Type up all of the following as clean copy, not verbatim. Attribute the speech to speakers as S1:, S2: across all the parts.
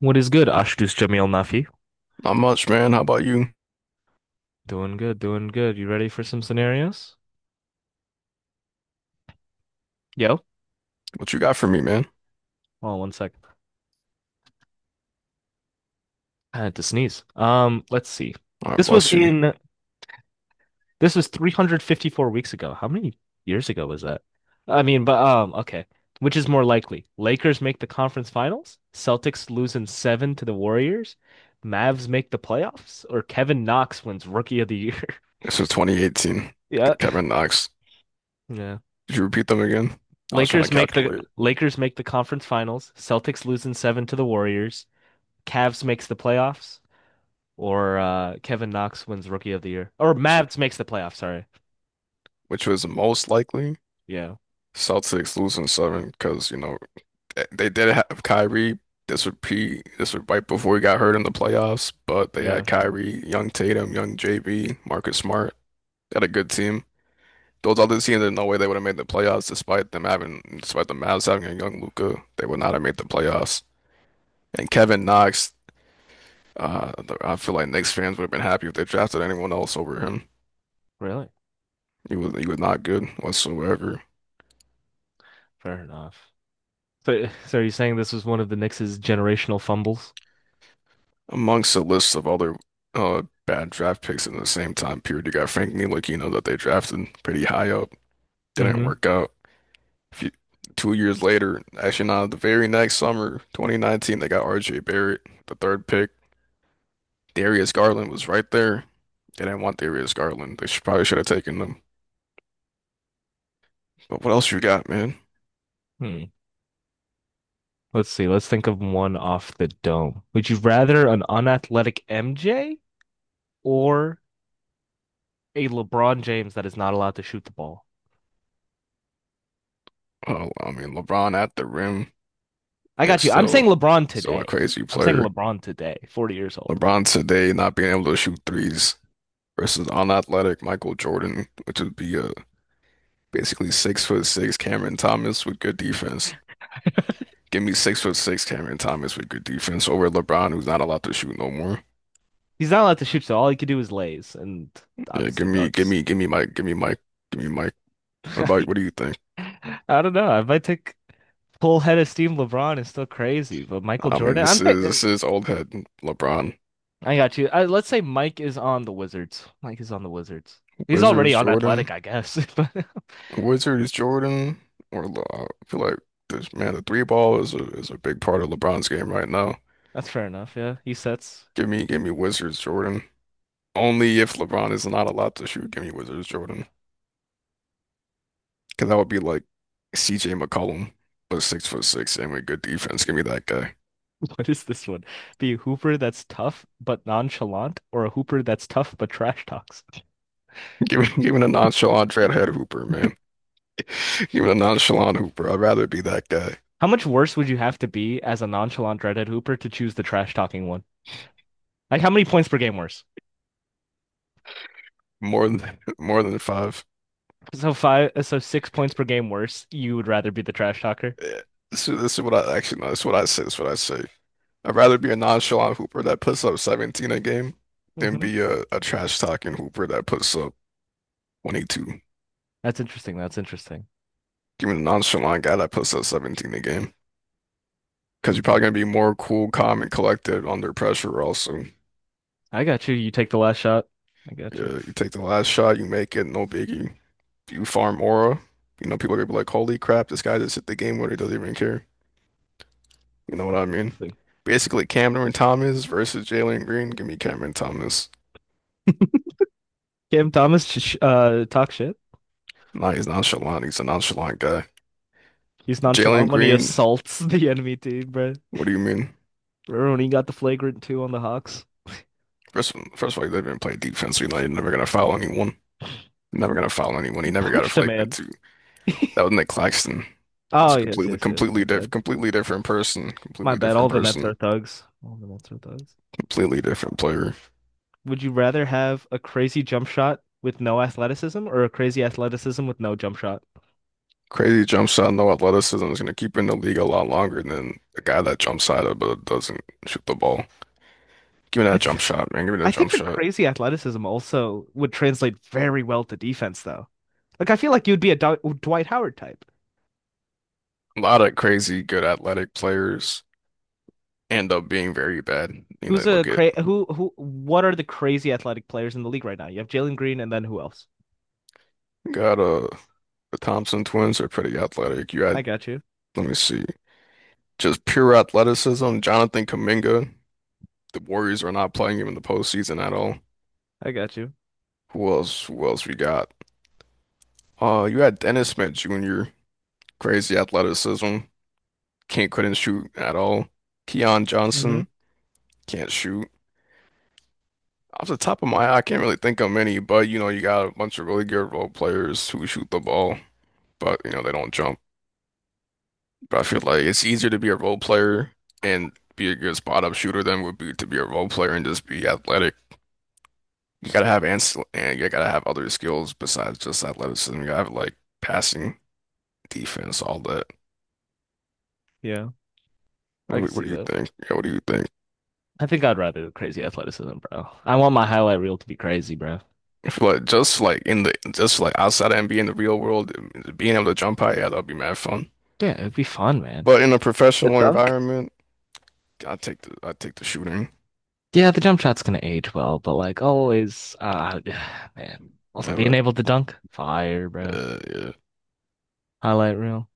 S1: What is good, Ashdus Jamil Nafi?
S2: Not much, man. How about you?
S1: Doing good, doing good. You ready for some scenarios? Yo,
S2: What you got for me, man?
S1: hold on sec. I had to sneeze. Let's see.
S2: All right,
S1: This was
S2: bless you.
S1: in this was 354 weeks ago. How many years ago was that? I mean, but okay. Which is more likely? Lakers make the conference finals, Celtics lose in seven to the Warriors, Mavs make the playoffs, or Kevin Knox wins Rookie of the Year?
S2: This is 2018.
S1: Yeah.
S2: Kevin Knox.
S1: Yeah.
S2: Did you repeat them again? I was trying to
S1: Lakers make the
S2: calculate
S1: Lakers make the conference finals, Celtics lose in seven to the Warriors. Cavs makes the playoffs or Kevin Knox wins Rookie of the Year or
S2: which
S1: Mavs makes the playoffs. Sorry.
S2: which was the most likely.
S1: Yeah.
S2: Celtics losing seven because you know they did have Kyrie. This would be this would right before he got hurt in the playoffs, but they had
S1: Yeah.
S2: Kyrie, young Tatum, young JB, Marcus Smart. They had a good team. Those other teams, there's no way they would have made the playoffs despite them having, despite the Mavs having a young Luca, they would not have made the playoffs. And Kevin Knox. Uh, I feel like Knicks fans would have been happy if they drafted anyone else over him.
S1: Really?
S2: He was not good whatsoever.
S1: Fair enough. So, so are you saying this was one of the Knicks' generational fumbles?
S2: Amongst a list of other bad draft picks in the same time period, you got Frank Ntilikina that they drafted pretty high up. Didn't
S1: Hmm.
S2: work out. If you, 2 years later, actually not the very next summer, 2019, they got RJ Barrett, the third pick. Darius Garland was right there. They didn't want Darius Garland. They should, probably should have taken him. But what else you got, man?
S1: Hmm. Let's see. Let's think of one off the dome. Would you rather an unathletic MJ or a LeBron James that is not allowed to shoot the ball?
S2: Oh, I mean, LeBron at the rim
S1: I
S2: is
S1: got you. I'm
S2: still
S1: saying LeBron
S2: still a
S1: today.
S2: crazy
S1: I'm saying
S2: player.
S1: LeBron today, 40 years old.
S2: LeBron today not being able to shoot threes versus unathletic Michael Jordan, which would be basically 6-foot-6 Cameron Thomas with good defense. Give me 6-foot-6 Cameron Thomas with good defense over LeBron, who's not allowed to shoot no more.
S1: He's not allowed to shoot, so all he could do is lays and
S2: Yeah,
S1: obviously ducks.
S2: give me Mike, give me Mike. What do you think?
S1: I don't know. I might take full head of steam. LeBron is still crazy, but Michael
S2: I mean,
S1: Jordan,
S2: this is this is old head LeBron.
S1: I got you. Let's say Mike is on the Wizards. Mike is on the Wizards. He's already
S2: Wizards
S1: on
S2: Jordan,
S1: Athletic, I guess. But
S2: Wizards Jordan, or I feel like this man, the three ball is a big part of LeBron's game right now.
S1: that's fair enough. Yeah, he sets.
S2: Give me Wizards Jordan. Only if LeBron is not allowed to shoot, give me Wizards Jordan. Because that would be like CJ McCollum, but 6-foot-6 and with good defense. Give me that guy.
S1: What is this one? Be a hooper that's tough but nonchalant, or a hooper that's tough but trash talks.
S2: Give me the nonchalant dreadhead Hooper, man. Give me the nonchalant Hooper. I'd rather be that guy.
S1: How much worse would you have to be as a nonchalant redhead hooper to choose the trash talking one? Like how many points per game worse?
S2: More than more than five.
S1: So five, so 6 points per game worse. You would rather be the trash talker.
S2: Yeah. This is what I actually. No, this is what I say. This is what I say. I'd rather be a nonchalant hooper that puts up 17 a game than
S1: Mm-hmm.
S2: be a trash talking hooper that puts up 22. Give
S1: That's interesting. That's interesting.
S2: me the nonchalant guy that puts up 17 a game. Because you're probably
S1: Mhm.
S2: going to be more cool, calm, and collected under pressure, also.
S1: I got you. You take the last shot. I got you.
S2: Yeah, you take the last shot, you make it, no biggie. You farm aura. You know, people are going to be like, holy crap, this guy just hit the game winner, doesn't even care. You know what I
S1: That's
S2: mean?
S1: interesting.
S2: Basically, Cameron Thomas versus Jalen Green. Give me Cameron Thomas.
S1: Cam Thomas sh talk shit.
S2: Nah, he's nonchalant. He's a nonchalant guy.
S1: He's
S2: Jalen
S1: nonchalant when he
S2: Green,
S1: assaults the enemy team, bro.
S2: what do you mean?
S1: Remember when he got the flagrant two on the Hawks?
S2: First of all, he didn't even play defense. He's like, never gonna foul anyone. Never gonna foul anyone. He
S1: He
S2: never got a
S1: punched a
S2: flagrant
S1: man.
S2: two. That was Nick Claxton. That's
S1: Oh
S2: a
S1: yes, yes, yes. My bad.
S2: completely different person.
S1: My
S2: Completely
S1: bad. All
S2: different
S1: the Nets
S2: person.
S1: are thugs. All the Nets are thugs.
S2: Completely different player.
S1: Would you rather have a crazy jump shot with no athleticism or a crazy athleticism with no jump shot?
S2: Crazy jump shot, no athleticism is gonna keep him in the league a lot longer than the guy that jumps out of but doesn't shoot the ball. Give me
S1: I
S2: that
S1: th
S2: jump shot, man. Give me
S1: I
S2: that
S1: think
S2: jump
S1: the
S2: shot.
S1: crazy athleticism also would translate very well to defense, though. Like I feel like you'd be a Dw Dwight Howard type.
S2: A lot of crazy, good athletic players end up being very bad. You know,
S1: Who's a
S2: look at.
S1: cra who? What are the crazy athletic players in the league right now? You have Jalen Green, and then who else?
S2: Got the Thompson twins are pretty athletic. You had.
S1: I got you.
S2: Let me see. Just pure athleticism. Jonathan Kuminga. The Warriors are not playing him in the postseason at all.
S1: I got you.
S2: Who else? Who else we got? You had Dennis Smith Jr. Crazy athleticism. Can't, couldn't shoot at all. Keon
S1: Hmm.
S2: Johnson can't shoot. Off the top of my head, I can't really think of many, but you know you got a bunch of really good role players who shoot the ball, but you know they don't jump. But I feel like it's easier to be a role player and be a good spot up shooter than would be to be a role player and just be athletic. You gotta have ans and you gotta have other skills besides just athleticism. You gotta have like passing, defense, all that.
S1: Yeah, I can
S2: What
S1: see
S2: do you
S1: that.
S2: think? Yeah, what do you think?
S1: I think I'd rather the crazy athleticism, bro. I want my highlight reel to be crazy, bro.
S2: I feel like just like outside of NBA in the real world, being able to jump high, yeah, that'll be mad fun.
S1: Yeah, it'd be fun, man.
S2: But in a
S1: The
S2: professional
S1: dunk?
S2: environment, I take the shooting.
S1: Yeah, the jump shot's gonna age well, but like always, man. Also
S2: Yeah,
S1: being
S2: but,
S1: able to dunk, fire, bro.
S2: yeah.
S1: Highlight reel.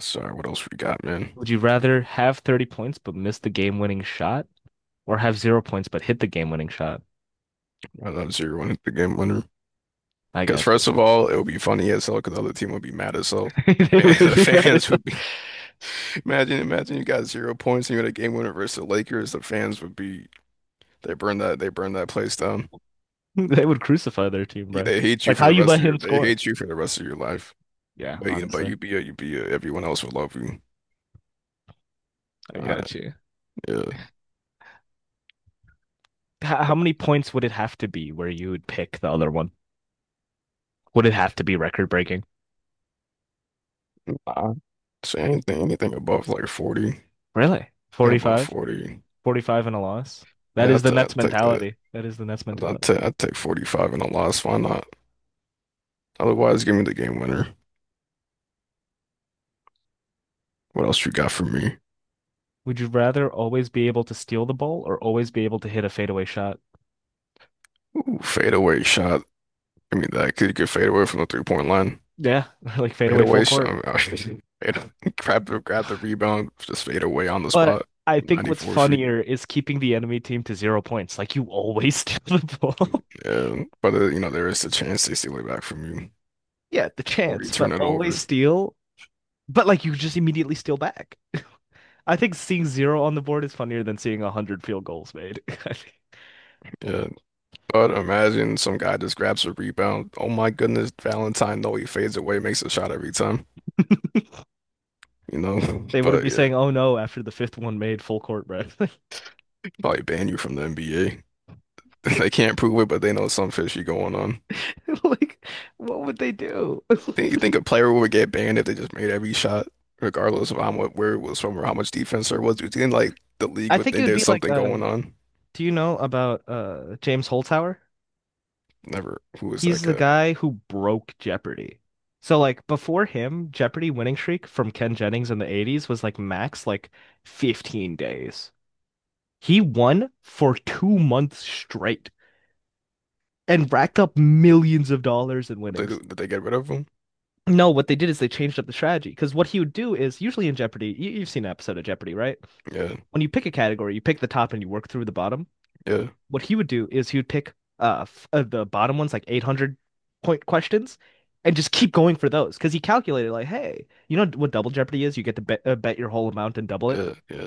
S2: Sorry, what else we got, man?
S1: Would you rather have 30 points but miss the game-winning shot or have 0 points but hit the game-winning shot?
S2: I'm zeroing the game winner.
S1: I
S2: Because
S1: got you.
S2: first of all, it would be funny as hell because the other team would be mad as hell.
S1: They would
S2: And the
S1: be mad at
S2: fans
S1: them.
S2: would be. Imagine you got zero points and you had a game winner versus the Lakers. The fans would be. They burn that place down.
S1: They would crucify their team, bro. Like how you let him
S2: They
S1: score.
S2: hate you for the rest of your life.
S1: Yeah,
S2: But you but
S1: honestly.
S2: you everyone else would love you.
S1: I
S2: Uh,
S1: got you.
S2: yeah.
S1: How many points would it have to be where you would pick the other one? Would it have to be record-breaking?
S2: Uh, so anything above like 40.
S1: Really?
S2: Yeah, above
S1: 45?
S2: 40.
S1: 45 and a loss? That
S2: Yeah,
S1: is the
S2: I
S1: Nets
S2: take that.
S1: mentality. That is the Nets mentality.
S2: I take 45 in a loss. Why not? Otherwise, give me the game winner. What else you got for me?
S1: Would you rather always be able to steal the ball or always be able to hit a fadeaway shot?
S2: Ooh, fadeaway shot. I mean, that could get fade away from the 3-point line.
S1: Yeah, like fadeaway full
S2: Fadeaway
S1: court.
S2: shot. Fade, grab the rebound, just fade away on the
S1: But
S2: spot.
S1: I think what's
S2: 94 feet.
S1: funnier is keeping the enemy team to 0 points. Like you always steal the ball.
S2: Yeah, but you know there is a chance they steal it back from you,
S1: Yeah, the
S2: or you
S1: chance, but
S2: turn it
S1: always
S2: over.
S1: steal. But like you just immediately steal back. I think seeing zero on the board is funnier than seeing a hundred field goals made.
S2: Yeah, but imagine some guy just grabs a rebound. Oh my goodness, Valentine! No, he fades away, makes a shot every time. You know,
S1: They wouldn't
S2: but
S1: be
S2: yeah,
S1: saying, "Oh no!" after the fifth one made full court press.
S2: probably ban you from the NBA. They can't prove it, but they know some fishy going on.
S1: Like, what would they do?
S2: Think you think a player would get banned if they just made every shot, regardless of how much where it was from or how much defense there was? Do you think like the league
S1: I
S2: would
S1: think it
S2: think
S1: would
S2: there's
S1: be like,
S2: something going on?
S1: do you know about James Holzhauer?
S2: Never. Who was that
S1: He's the
S2: guy?
S1: guy who broke Jeopardy. So like before him, Jeopardy winning streak from Ken Jennings in the '80s was like max like 15 days. He won for 2 months straight and
S2: Did
S1: racked up millions of dollars in
S2: they,
S1: winnings.
S2: did they did they get rid of him?
S1: No, what they did is they changed up the strategy because what he would do is usually in Jeopardy, you've seen an episode of Jeopardy, right?
S2: Yeah,
S1: When you pick a category, you pick the top and you work through the bottom.
S2: yeah,
S1: What he would do is he would pick the bottom ones, like 800 point questions, and just keep going for those because he calculated like, hey, you know what Double Jeopardy is? You get to bet, bet your whole amount and double it.
S2: yeah, yeah,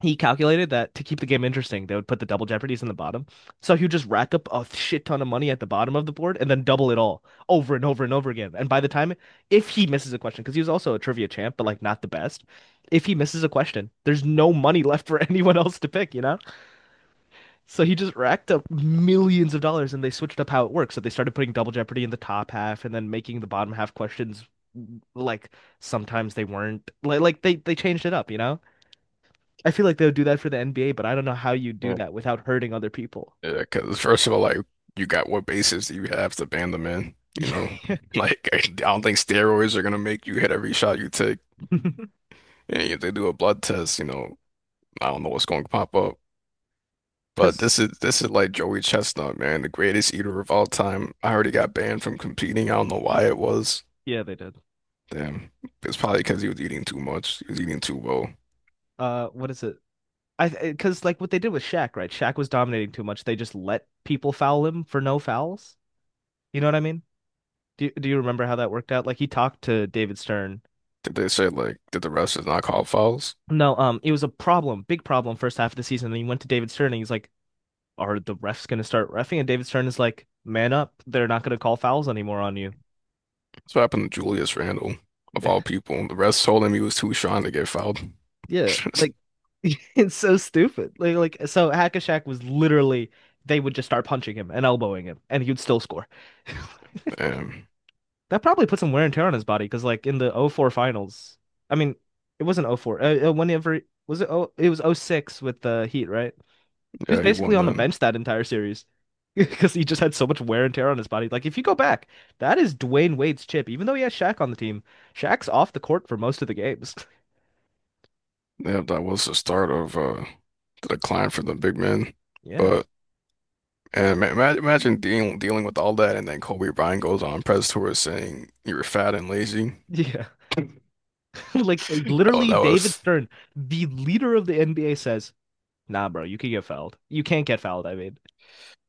S1: He calculated that to keep the game interesting, they would put the Double Jeopardies in the bottom. So he would just rack up a shit ton of money at the bottom of the board and then double it all over and over and over again. And by the time, if he misses a question, because he was also a trivia champ, but like not the best, if he misses a question, there's no money left for anyone else to pick, you know? So he just racked up millions of dollars and they switched up how it works. So they started putting Double Jeopardy in the top half and then making the bottom half questions like sometimes they weren't like like they changed it up, you know? I feel like they would do that for the NBA, but I don't know how you do
S2: yeah.
S1: that without hurting other people.
S2: Yeah, because first of all, like you got what basis do you have to ban the man? You know, like I don't think steroids are gonna make you hit every shot you take. And if they do a blood test, you know, I don't know what's going to pop up. But this
S1: Because
S2: is this is like Joey Chestnut, man, the greatest eater of all time. I already got banned from competing. I don't know why it was.
S1: yeah, they did.
S2: Damn. It's probably
S1: Um,
S2: because he was eating too much. He was eating too well.
S1: what is it? I because like what they did with Shaq, right? Shaq was dominating too much. They just let people foul him for no fouls. You know what I mean? Do you remember how that worked out? Like he talked to David Stern.
S2: Did they say like did the rest not call fouls?
S1: No, it was a problem, big problem first half of the season. And he went to David Stern and he's like, are the refs gonna start refing? And David Stern is like, man up, they're not gonna call fouls anymore on you.
S2: That's what happened to Julius Randle, of all people. The rest told him he was too strong to get fouled.
S1: Yeah, like it's so stupid. Like so Hackashack was literally they would just start punching him and elbowing him and he would still score.
S2: Damn.
S1: That probably put some wear and tear on his body because like in the O four finals, I mean, it wasn't oh four. Whenever was it? Oh, it was O six with the Heat, right? He was
S2: Yeah, he
S1: basically
S2: won
S1: on the
S2: then.
S1: bench that entire series because he just had so much wear and tear on his body. Like, if you go back, that is Dwayne Wade's chip. Even though he has Shaq on the team, Shaq's off the court for most of the games.
S2: Yeah, that was the start of the decline for the big men.
S1: Yeah.
S2: But And imagine dealing with all that, and then Kobe Bryant goes on press tour saying you were fat and lazy.
S1: Yeah. Like,
S2: Oh,
S1: literally,
S2: that
S1: David
S2: was
S1: Stern, the leader of the NBA, says, nah, bro, you can get fouled. You can't get fouled, I mean.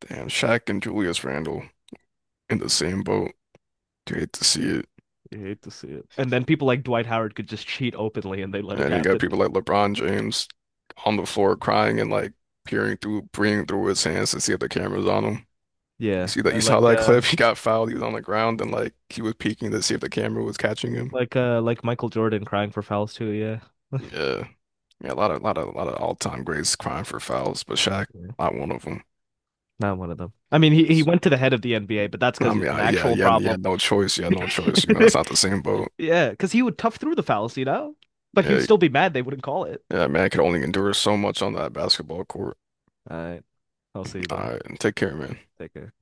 S2: damn. Shaq and Julius Randle in the same boat. You hate to see it.
S1: You hate to see it. And then people like Dwight Howard could just cheat openly and they let it
S2: And you got
S1: happen.
S2: people like LeBron James on the floor crying and like peering through his hands to see if the camera's on him. You
S1: Yeah.
S2: see that? You
S1: And
S2: saw that clip? He got fouled. He was on the ground and like he was peeking to see if the camera was catching him.
S1: like Michael Jordan crying for fouls too, yeah.
S2: Yeah, yeah, a lot of, lot of, lot of all-time greats crying for fouls, but Shaq,
S1: Yeah.
S2: not one of them.
S1: Not one of them. I mean, he went to the head of the NBA, but that's because
S2: I
S1: he was
S2: mean,
S1: an
S2: yeah,
S1: actual
S2: yeah, you
S1: problem.
S2: had no choice. You had no choice. You know, it's not the same boat.
S1: Yeah, because he would tough through the fallacy now, but he would
S2: Yeah,
S1: still be mad they wouldn't call it.
S2: yeah, man, I could only endure so much on that basketball court.
S1: All right. I'll see you,
S2: All
S1: bud.
S2: right, and take care, man.
S1: Take care.